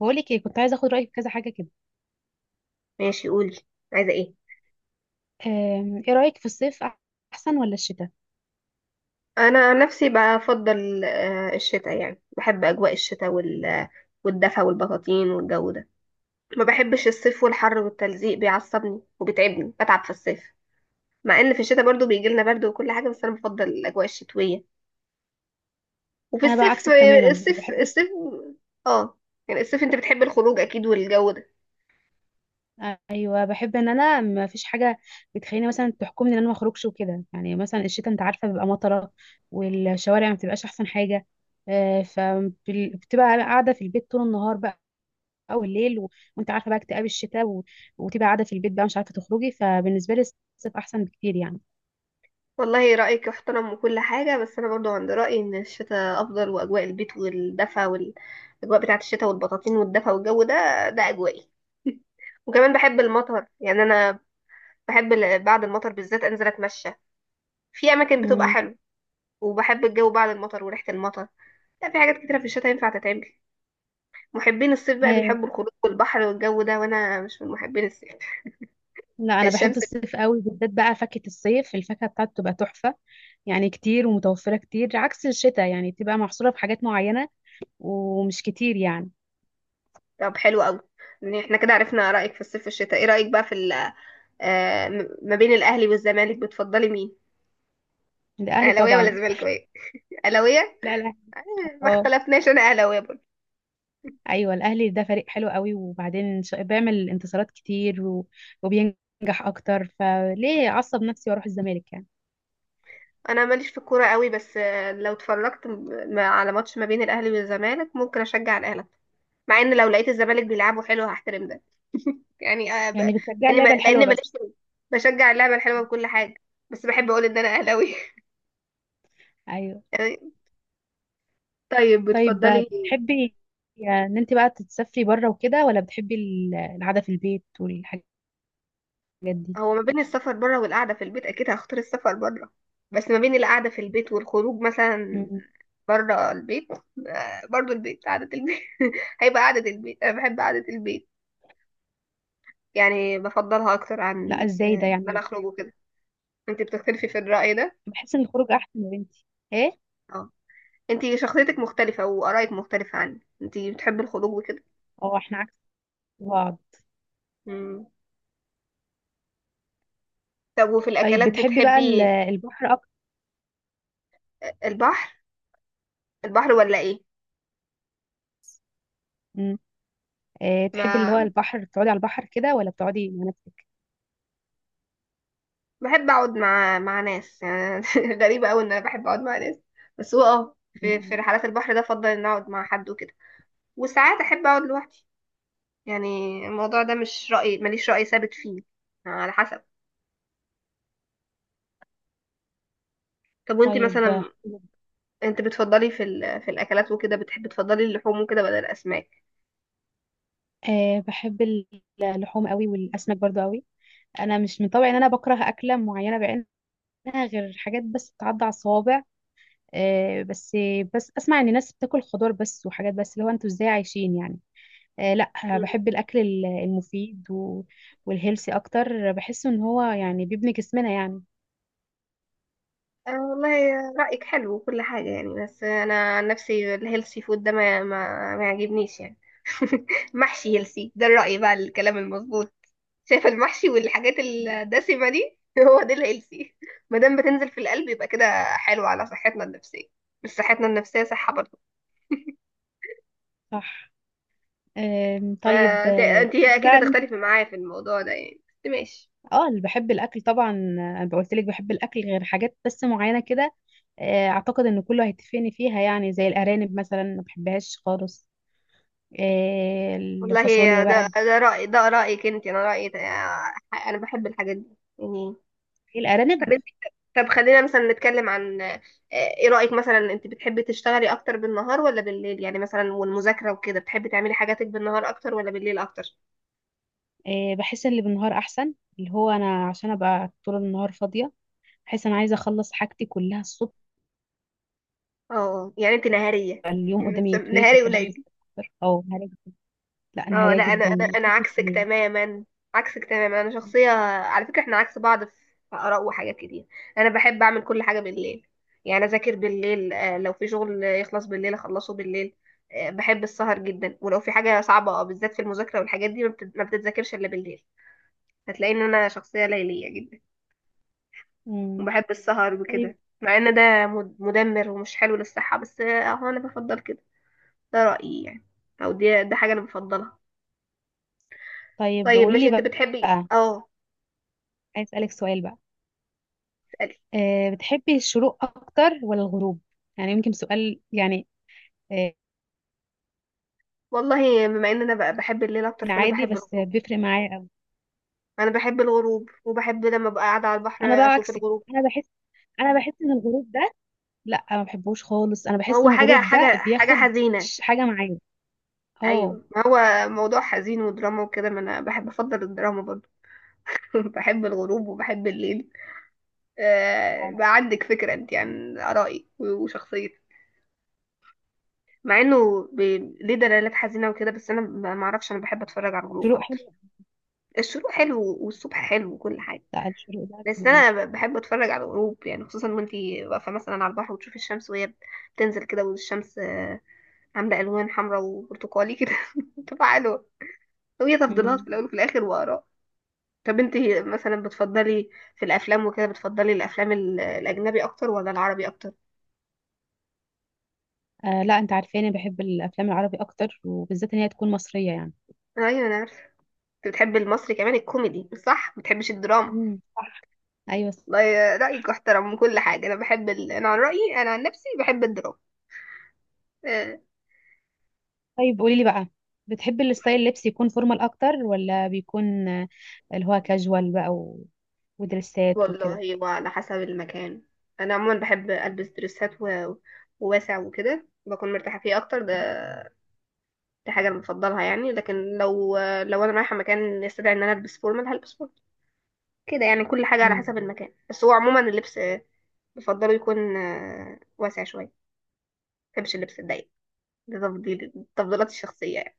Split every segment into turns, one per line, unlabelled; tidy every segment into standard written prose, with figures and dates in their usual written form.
بقولك ايه، كنت عايزه اخد رايك في كذا حاجه كده.
ماشي قولي. عايزة ايه؟
ايه رايك في الصيف، احسن ولا الشتاء؟
انا عن نفسي بفضل الشتاء، يعني بحب اجواء الشتاء والدفا والبطاطين والجو ده. ما بحبش الصيف والحر والتلزيق بيعصبني وبتعبني، بتعب في الصيف. مع ان في الشتاء برضو بيجي لنا برد وكل حاجة، بس انا بفضل الاجواء الشتوية. وفي
انا بقى
الصيف
عكسك تماما،
الصيف الصيف اه، يعني الصيف انت بتحب الخروج اكيد والجو ده.
ايوه، بحب ان انا ما فيش حاجه بتخليني مثلا تحكمني ان انا ما اخرجش وكده. يعني مثلا الشتاء، انت عارفه بيبقى مطره، والشوارع ما بتبقاش احسن حاجه، فبتبقى قاعده في البيت طول النهار بقى، او الليل وانت عارفه بقى اكتئاب الشتاء وتبقى قاعده في البيت بقى مش عارفه تخرجي، فبالنسبه لي الصيف احسن بكتير يعني.
والله رأيك يحترم وكل حاجة، بس أنا برضو عند رأيي إن الشتاء أفضل، وأجواء البيت والدفا والأجواء بتاعة الشتاء والبطاطين والدفا والجو ده، ده أجوائي. وكمان بحب المطر، يعني أنا بحب بعد المطر بالذات أنزل أتمشى في أماكن بتبقى حلوة. وبحب الجو بعد المطر وريحة المطر. لا، في حاجات كتيرة في الشتاء ينفع تتعمل. محبين الصيف بقى
امم.
بيحبوا الخروج والبحر والجو ده، وأنا مش من محبين الصيف.
لا انا بحب
الشمس.
الصيف قوي، بالذات بقى فاكهة الصيف، الفاكهة بتاعته تبقى تحفة، يعني كتير ومتوفرة كتير عكس الشتاء، يعني تبقى محصورة في حاجات معينة ومش كتير يعني.
طب حلو أوي. يعني احنا كده عرفنا رأيك في الصيف والشتاء. ايه رأيك بقى في ما بين الاهلي والزمالك، بتفضلي مين؟
الاهلي
اهلاويه ولا
طبعا.
زملكاويه؟ اهلاويه.
لا لا.
ما
اه.
اختلفناش، انا اهلاويه برضه.
ايوه الاهلي ده فريق حلو قوي، وبعدين بيعمل انتصارات كتير وبينجح اكتر، فليه اعصب نفسي واروح الزمالك يعني؟
انا ماليش في الكوره قوي، بس لو اتفرجت على ماتش ما بين الاهلي والزمالك ممكن اشجع الاهلي. مع ان لو لقيت الزمالك بيلعبوا حلو هحترم ده. يعني آه، ب...
يعني بتشجع
لان ما...
اللعبة الحلوة
لان
بس.
ماليش في- بشجع اللعبه الحلوه بكل حاجه، بس بحب اقول ان انا اهلاويه.
ايوه.
طيب
طيب،
بتفضلي.
بتحبي يعني ان انت بقى تتسافري بره وكده، ولا بتحبي القعدة في البيت والحاجات دي؟
هو ما بين السفر بره والقعده في البيت اكيد هختار السفر بره. بس ما بين القعده في البيت والخروج مثلا
مم.
بره البيت، برضو البيت، قعدة البيت هيبقى قعدة البيت. أنا بحب قعدة البيت، يعني بفضلها أكتر
لا،
عن
ازاي ده
إن أنا
يعني؟
أخرج وكده. أنت بتختلفي في الرأي ده؟
بحس ان الخروج احسن يا بنتي. ايه؟
اه، أنت شخصيتك مختلفة وآرائك مختلفة عني، أنت بتحبي الخروج وكده.
اه، احنا عكس بعض.
مم. طب وفي
طيب
الأكلات
بتحبي بقى
بتحبي
البحر اكتر؟
البحر؟ البحر ولا إيه؟
مم. إيه، تحبي اللي هو
ما
البحر؟ بتقعدي على البحر كده ولا بتقعدي مع نفسك؟
بحب أقعد مع ناس، يعني غريبة أوي إن أنا بحب أقعد مع ناس. بس هو أه في
مم.
رحلات البحر ده أفضل إن أقعد مع حد وكده. وساعات أحب أقعد لوحدي يعني. الموضوع ده مش رأي، ماليش رأي ثابت فيه، على حسب. طب وانت
طيب،
مثلا،
حلو.
انت بتفضلي في في الاكلات وكده بتحبي تفضلي اللحوم وكده بدل الاسماك؟
آه بحب ال- اللحوم قوي والاسماك برضو قوي. انا مش من طبعي ان انا بكره اكله معينه بعينها، غير حاجات بس بتعدي على الصوابع، بس. بس اسمع ان ناس بتاكل خضار بس وحاجات بس، اللي هو انتوا ازاي عايشين يعني؟ لا،
مم.
بحب الاكل المفيد والهيلثي اكتر، بحس ان هو يعني بيبني جسمنا يعني.
والله رأيك حلو وكل حاجة يعني، بس انا عن نفسي الهيلثي فود ده ما يعجبنيش يعني. محشي هيلثي، ده الرأي بقى، الكلام المظبوط. شايفة المحشي والحاجات الدسمة دي هو ده الهيلثي. ما دام بتنزل في القلب يبقى كده حلو على صحتنا النفسية، مش صحتنا النفسية، صحة برضه.
صح. طيب.
فانت اكيد
بقى
هتختلفي معايا في الموضوع ده يعني، بس ماشي.
اه، اللي بحب الاكل طبعا. انا قلت لك بحب الاكل غير حاجات بس معينه كده. اعتقد ان كله هيتفقني فيها، يعني زي الارانب مثلا ما بحبهاش خالص.
والله
الفاصوليا
ده
بقى.
ده رأيك انت، انا انا بحب الحاجات دي يعني.
الارانب.
طب انت، طب خلينا مثلا نتكلم عن ايه رأيك مثلا، انت بتحبي تشتغلي اكتر بالنهار ولا بالليل؟ يعني مثلا والمذاكرة وكده بتحبي تعملي حاجاتك بالنهار اكتر ولا بالليل اكتر؟
بحس ان اللي بالنهار احسن، اللي هو انا عشان ابقى طول النهار فاضيه، بحس انا عايزه اخلص حاجتي كلها الصبح.
اه، يعني انت نهارية.
اليوم قدامي طويل
نهاري
واحب انجز
قليل.
اكتر، او هراجع. لا انا
اه
هراجع
لا، انا
جدا،
انا
ما
انا
بحبش
عكسك
الليل.
تماما، عكسك تماما. انا شخصيه، على فكره احنا عكس بعض في اراء وحاجات كتير. انا بحب اعمل كل حاجه بالليل، يعني اذاكر بالليل. لو في شغل يخلص بالليل اخلصه بالليل. بحب السهر جدا، ولو في حاجه صعبه بالذات في المذاكره والحاجات دي ما بتتذاكرش الا بالليل. هتلاقي ان انا شخصيه ليليه جدا
مم.
وبحب السهر
طيب.
وكده، مع ان ده مدمر ومش حلو للصحه، بس اهو انا بفضل كده. ده رايي يعني، او دي ده حاجه انا بفضلها.
طيب
طيب
قولي
ماشي
لي
انت بتحبي
بقى،
اه.
عايز اسالك سؤال بقى.
اسألي.
بتحبي الشروق اكتر ولا الغروب؟ يعني يمكن سؤال يعني، أه
والله بما ان انا بقى بحب الليل اكتر، فانا
عادي،
بحب
بس
الغروب.
بيفرق معايا قوي.
انا بحب الغروب، وبحب لما ابقى قاعده على البحر
انا بقى
اشوف
عكسك.
الغروب.
انا بحس ان الغروب ده، لا ما بحبوش خالص، انا بحس
هو
ان
حاجه
الغروب ده
حاجه
بياخد
حزينه.
حاجه معايا. اه.
ايوه، ما هو موضوع حزين ودراما وكده، ما انا بحب افضل الدراما برضو. بحب الغروب وبحب الليل. آه،
لا،
بقى عندك فكره انت عن ارائي وشخصيتي. مع انه ب... ليه دلالات حزينه وكده، بس انا ما اعرفش، انا بحب اتفرج على الغروب
الشروق حلو.
اكتر. الشروق حلو والصبح حلو وكل حاجه،
لا، الشروق ده
بس
جميل.
انا بحب اتفرج على الغروب. يعني خصوصا وانتي واقفه مثلا على البحر، وتشوفي الشمس وهي بتنزل كده، والشمس عامله الوان حمراء وبرتقالي كده. بتبقى حلوه. هي تفضيلات في
مم.
الاول وفي الاخر واراء. طب انتي مثلا بتفضلي في الافلام وكده، بتفضلي الافلام الاجنبي اكتر ولا العربي اكتر؟
لا، انت عارفاني بحب الافلام العربي اكتر، وبالذات ان هي تكون مصريه يعني.
ايوه انا عارفه. انت بتحبي المصري كمان الكوميدي، صح؟ ما بتحبش الدراما.
مم، صح. ايوه.
والله رايك احترم من كل حاجه، انا بحب انا عن رايي، انا عن نفسي بحب الدراما. آه.
طيب قولي لي بقى، بتحب الستايل اللبس يكون فورمال اكتر، ولا بيكون اللي هو كاجوال بقى ودريسات وكده؟
والله وعلى حسب المكان. انا عموما بحب البس دريسات وواسع وكده، بكون مرتاحه فيه اكتر. ده دي حاجه انا بفضلها يعني، لكن لو انا رايحه مكان يستدعي ان انا البس فورمال هلبس فورمال. كده يعني، كل حاجه على
مم.
حسب المكان، بس هو عموما اللبس بفضله يكون واسع شويه، ما بحبش اللبس الضيق. ده تفضيل، التفضيلات الشخصيه يعني.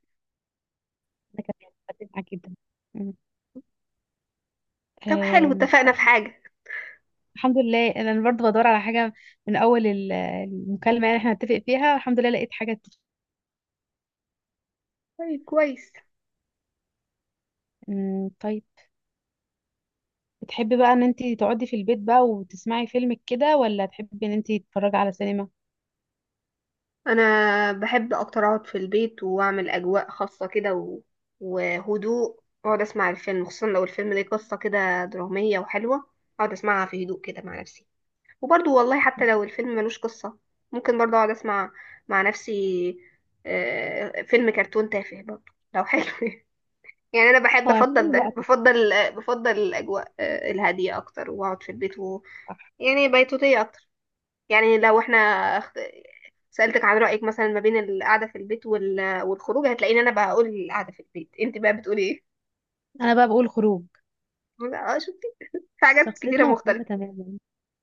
ده كمان بتفق معاك جدا. مم.
طب حلو، اتفقنا في
طيب،
حاجه.
الحمد لله انا برضه بدور على حاجه من اول المكالمه، يعني احنا نتفق فيها. الحمد لله لقيت حاجه
طيب كويس.
مم، طيب. بتحبي بقى ان انت تقعدي في البيت بقى وتسمعي فيلم كده، ولا تحبي ان انت تتفرجي على سينما؟
انا بحب اكتر اقعد في البيت واعمل اجواء خاصه كده وهدوء، واقعد اسمع الفيلم، خصوصا لو الفيلم ليه قصه كده دراميه وحلوه اقعد اسمعها في هدوء كده مع نفسي. وبرضو والله حتى لو الفيلم ملوش قصه ممكن برضو اقعد اسمع مع نفسي. فيلم كرتون تافه برضو لو حلو. يعني انا بحب
اه،
افضل
هتسلي
ده،
وقتك.
بفضل الاجواء الهاديه اكتر، واقعد في البيت
صح.
يعني بيتوتيه اكتر. يعني لو احنا اخت- سألتك عن رأيك مثلا ما بين القعدة في البيت والخروج، هتلاقيني انا بقول القعدة في البيت، انت بقى بتقولي ايه؟
انا بقى بقول خروج.
لا، اه شفتي، في حاجات كتيرة
شخصيتنا مختلفة
مختلفة.
تماما.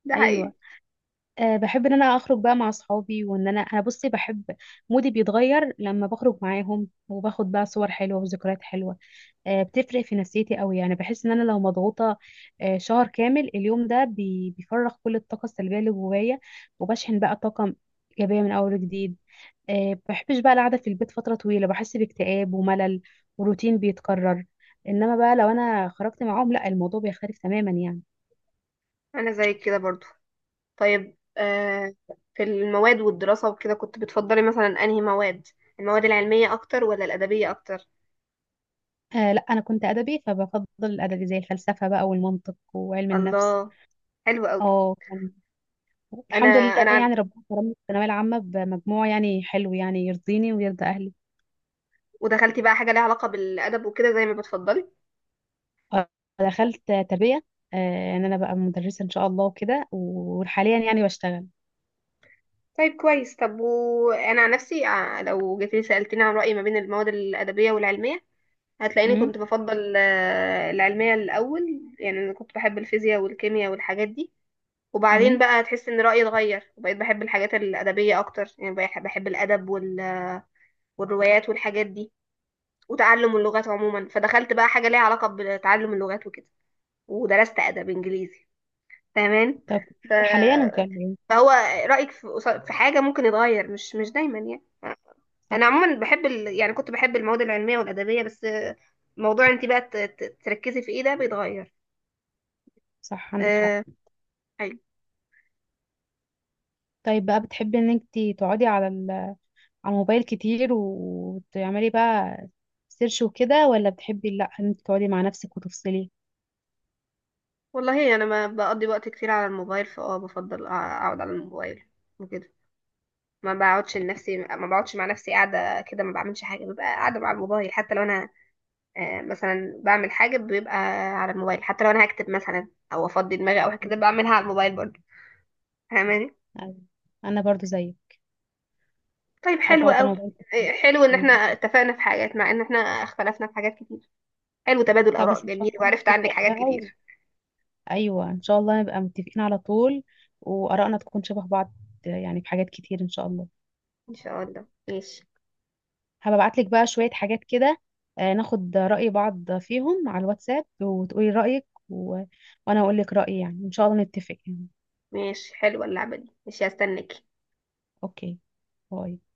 ده حقيقي.
ايوه. بحب ان انا اخرج بقى مع اصحابي، وان انا بصي بحب مودي بيتغير لما بخرج معاهم، وباخد بقى صور حلوة وذكريات حلوة. بتفرق في نفسيتي قوي، يعني بحس ان انا لو مضغوطة شهر كامل، اليوم ده بيفرغ كل الطاقة السلبية اللي جوايا، وبشحن بقى طاقة ايجابية من اول وجديد. بحبش بقى القعدة في البيت فترة طويلة، بحس باكتئاب وملل وروتين بيتكرر. انما بقى لو انا خرجت معاهم، لا الموضوع بيختلف تماما يعني.
انا زيك كده برضو. طيب آه، في المواد والدراسة وكده كنت بتفضلي مثلا انهي مواد؟ المواد العلمية اكتر ولا الأدبية اكتر؟
لا، انا كنت ادبي، فبفضل الادبي زي الفلسفة بقى والمنطق وعلم النفس.
الله، حلو قوي.
اه.
انا
الحمد لله
انا عن-
يعني ربنا كرمني في الثانوية العامة بمجموع يعني حلو، يعني يرضيني ويرضى اهلي.
ودخلتي بقى حاجة ليها علاقة بالأدب وكده زي ما بتفضلي.
آه، دخلت تربية. آه، يعني انا بقى مدرسة ان شاء الله وكده، وحاليا يعني بشتغل.
طيب كويس. طب وانا عن نفسي لو جيت لي سألتني عن رأيي ما بين المواد الأدبية والعلمية، هتلاقيني
امم.
كنت بفضل العلمية الأول. يعني أنا كنت بحب الفيزياء والكيمياء والحاجات دي، وبعدين
امم.
بقى هتحس إن رأيي اتغير وبقيت بحب الحاجات الأدبية أكتر. يعني بحب الأدب والروايات والحاجات دي، وتعلم اللغات عموما. فدخلت بقى حاجة ليها علاقة بتعلم اللغات وكده، ودرست أدب إنجليزي. فاهمان.
طب
ف...
حاليا وكان.
فهو رأيك في في حاجة ممكن يتغير، مش دايما يعني.
صح.
انا عموما بحب يعني كنت بحب المواد العلميه والادبيه، بس موضوع انت بقى تركزي في ايه ده بيتغير.
صح عندك حق.
أه... حلو.
طيب بقى، بتحبي ان انت تقعدي على على الموبايل كتير وتعملي بقى سيرش وكده، ولا بتحبي لا، ان انت تقعدي مع نفسك وتفصلي؟
والله انا ما بقضي وقت كتير على الموبايل، فاه بفضل اقعد على الموبايل وكده. ما بقعدش لنفسي، ما بقعدش مع نفسي قاعده كده ما بعملش حاجه، ببقى قاعده مع الموبايل. حتى لو انا مثلا بعمل حاجه بيبقى على الموبايل، حتى لو انا هكتب مثلا او افضي دماغي او كده بعملها على الموبايل برضه. فاهماني.
أيوة. انا برضو زيك،
طيب
بحب
حلو
اقعد
قوي.
على الموبايل كتير.
حلو ان احنا
مم.
اتفقنا في حاجات، مع ان احنا اختلفنا في حاجات كتير. حلو تبادل
طب
آراء
بس ان شاء
جميل،
الله
وعرفت عنك
نتفق
حاجات
بقى
كتير.
ايوه ان شاء الله نبقى متفقين على طول، وارائنا تكون شبه بعض يعني في حاجات كتير ان شاء الله.
إن شاء الله، ماشي.
هبعت لك بقى شوية حاجات كده، ناخد رأي بعض فيهم على الواتساب، وتقولي رأيك وانا اقول لك رأيي، يعني ان شاء الله نتفق يعني.
ماشي، حلوة اللعبة دي، ماشي هستناك.
اوكي. باي.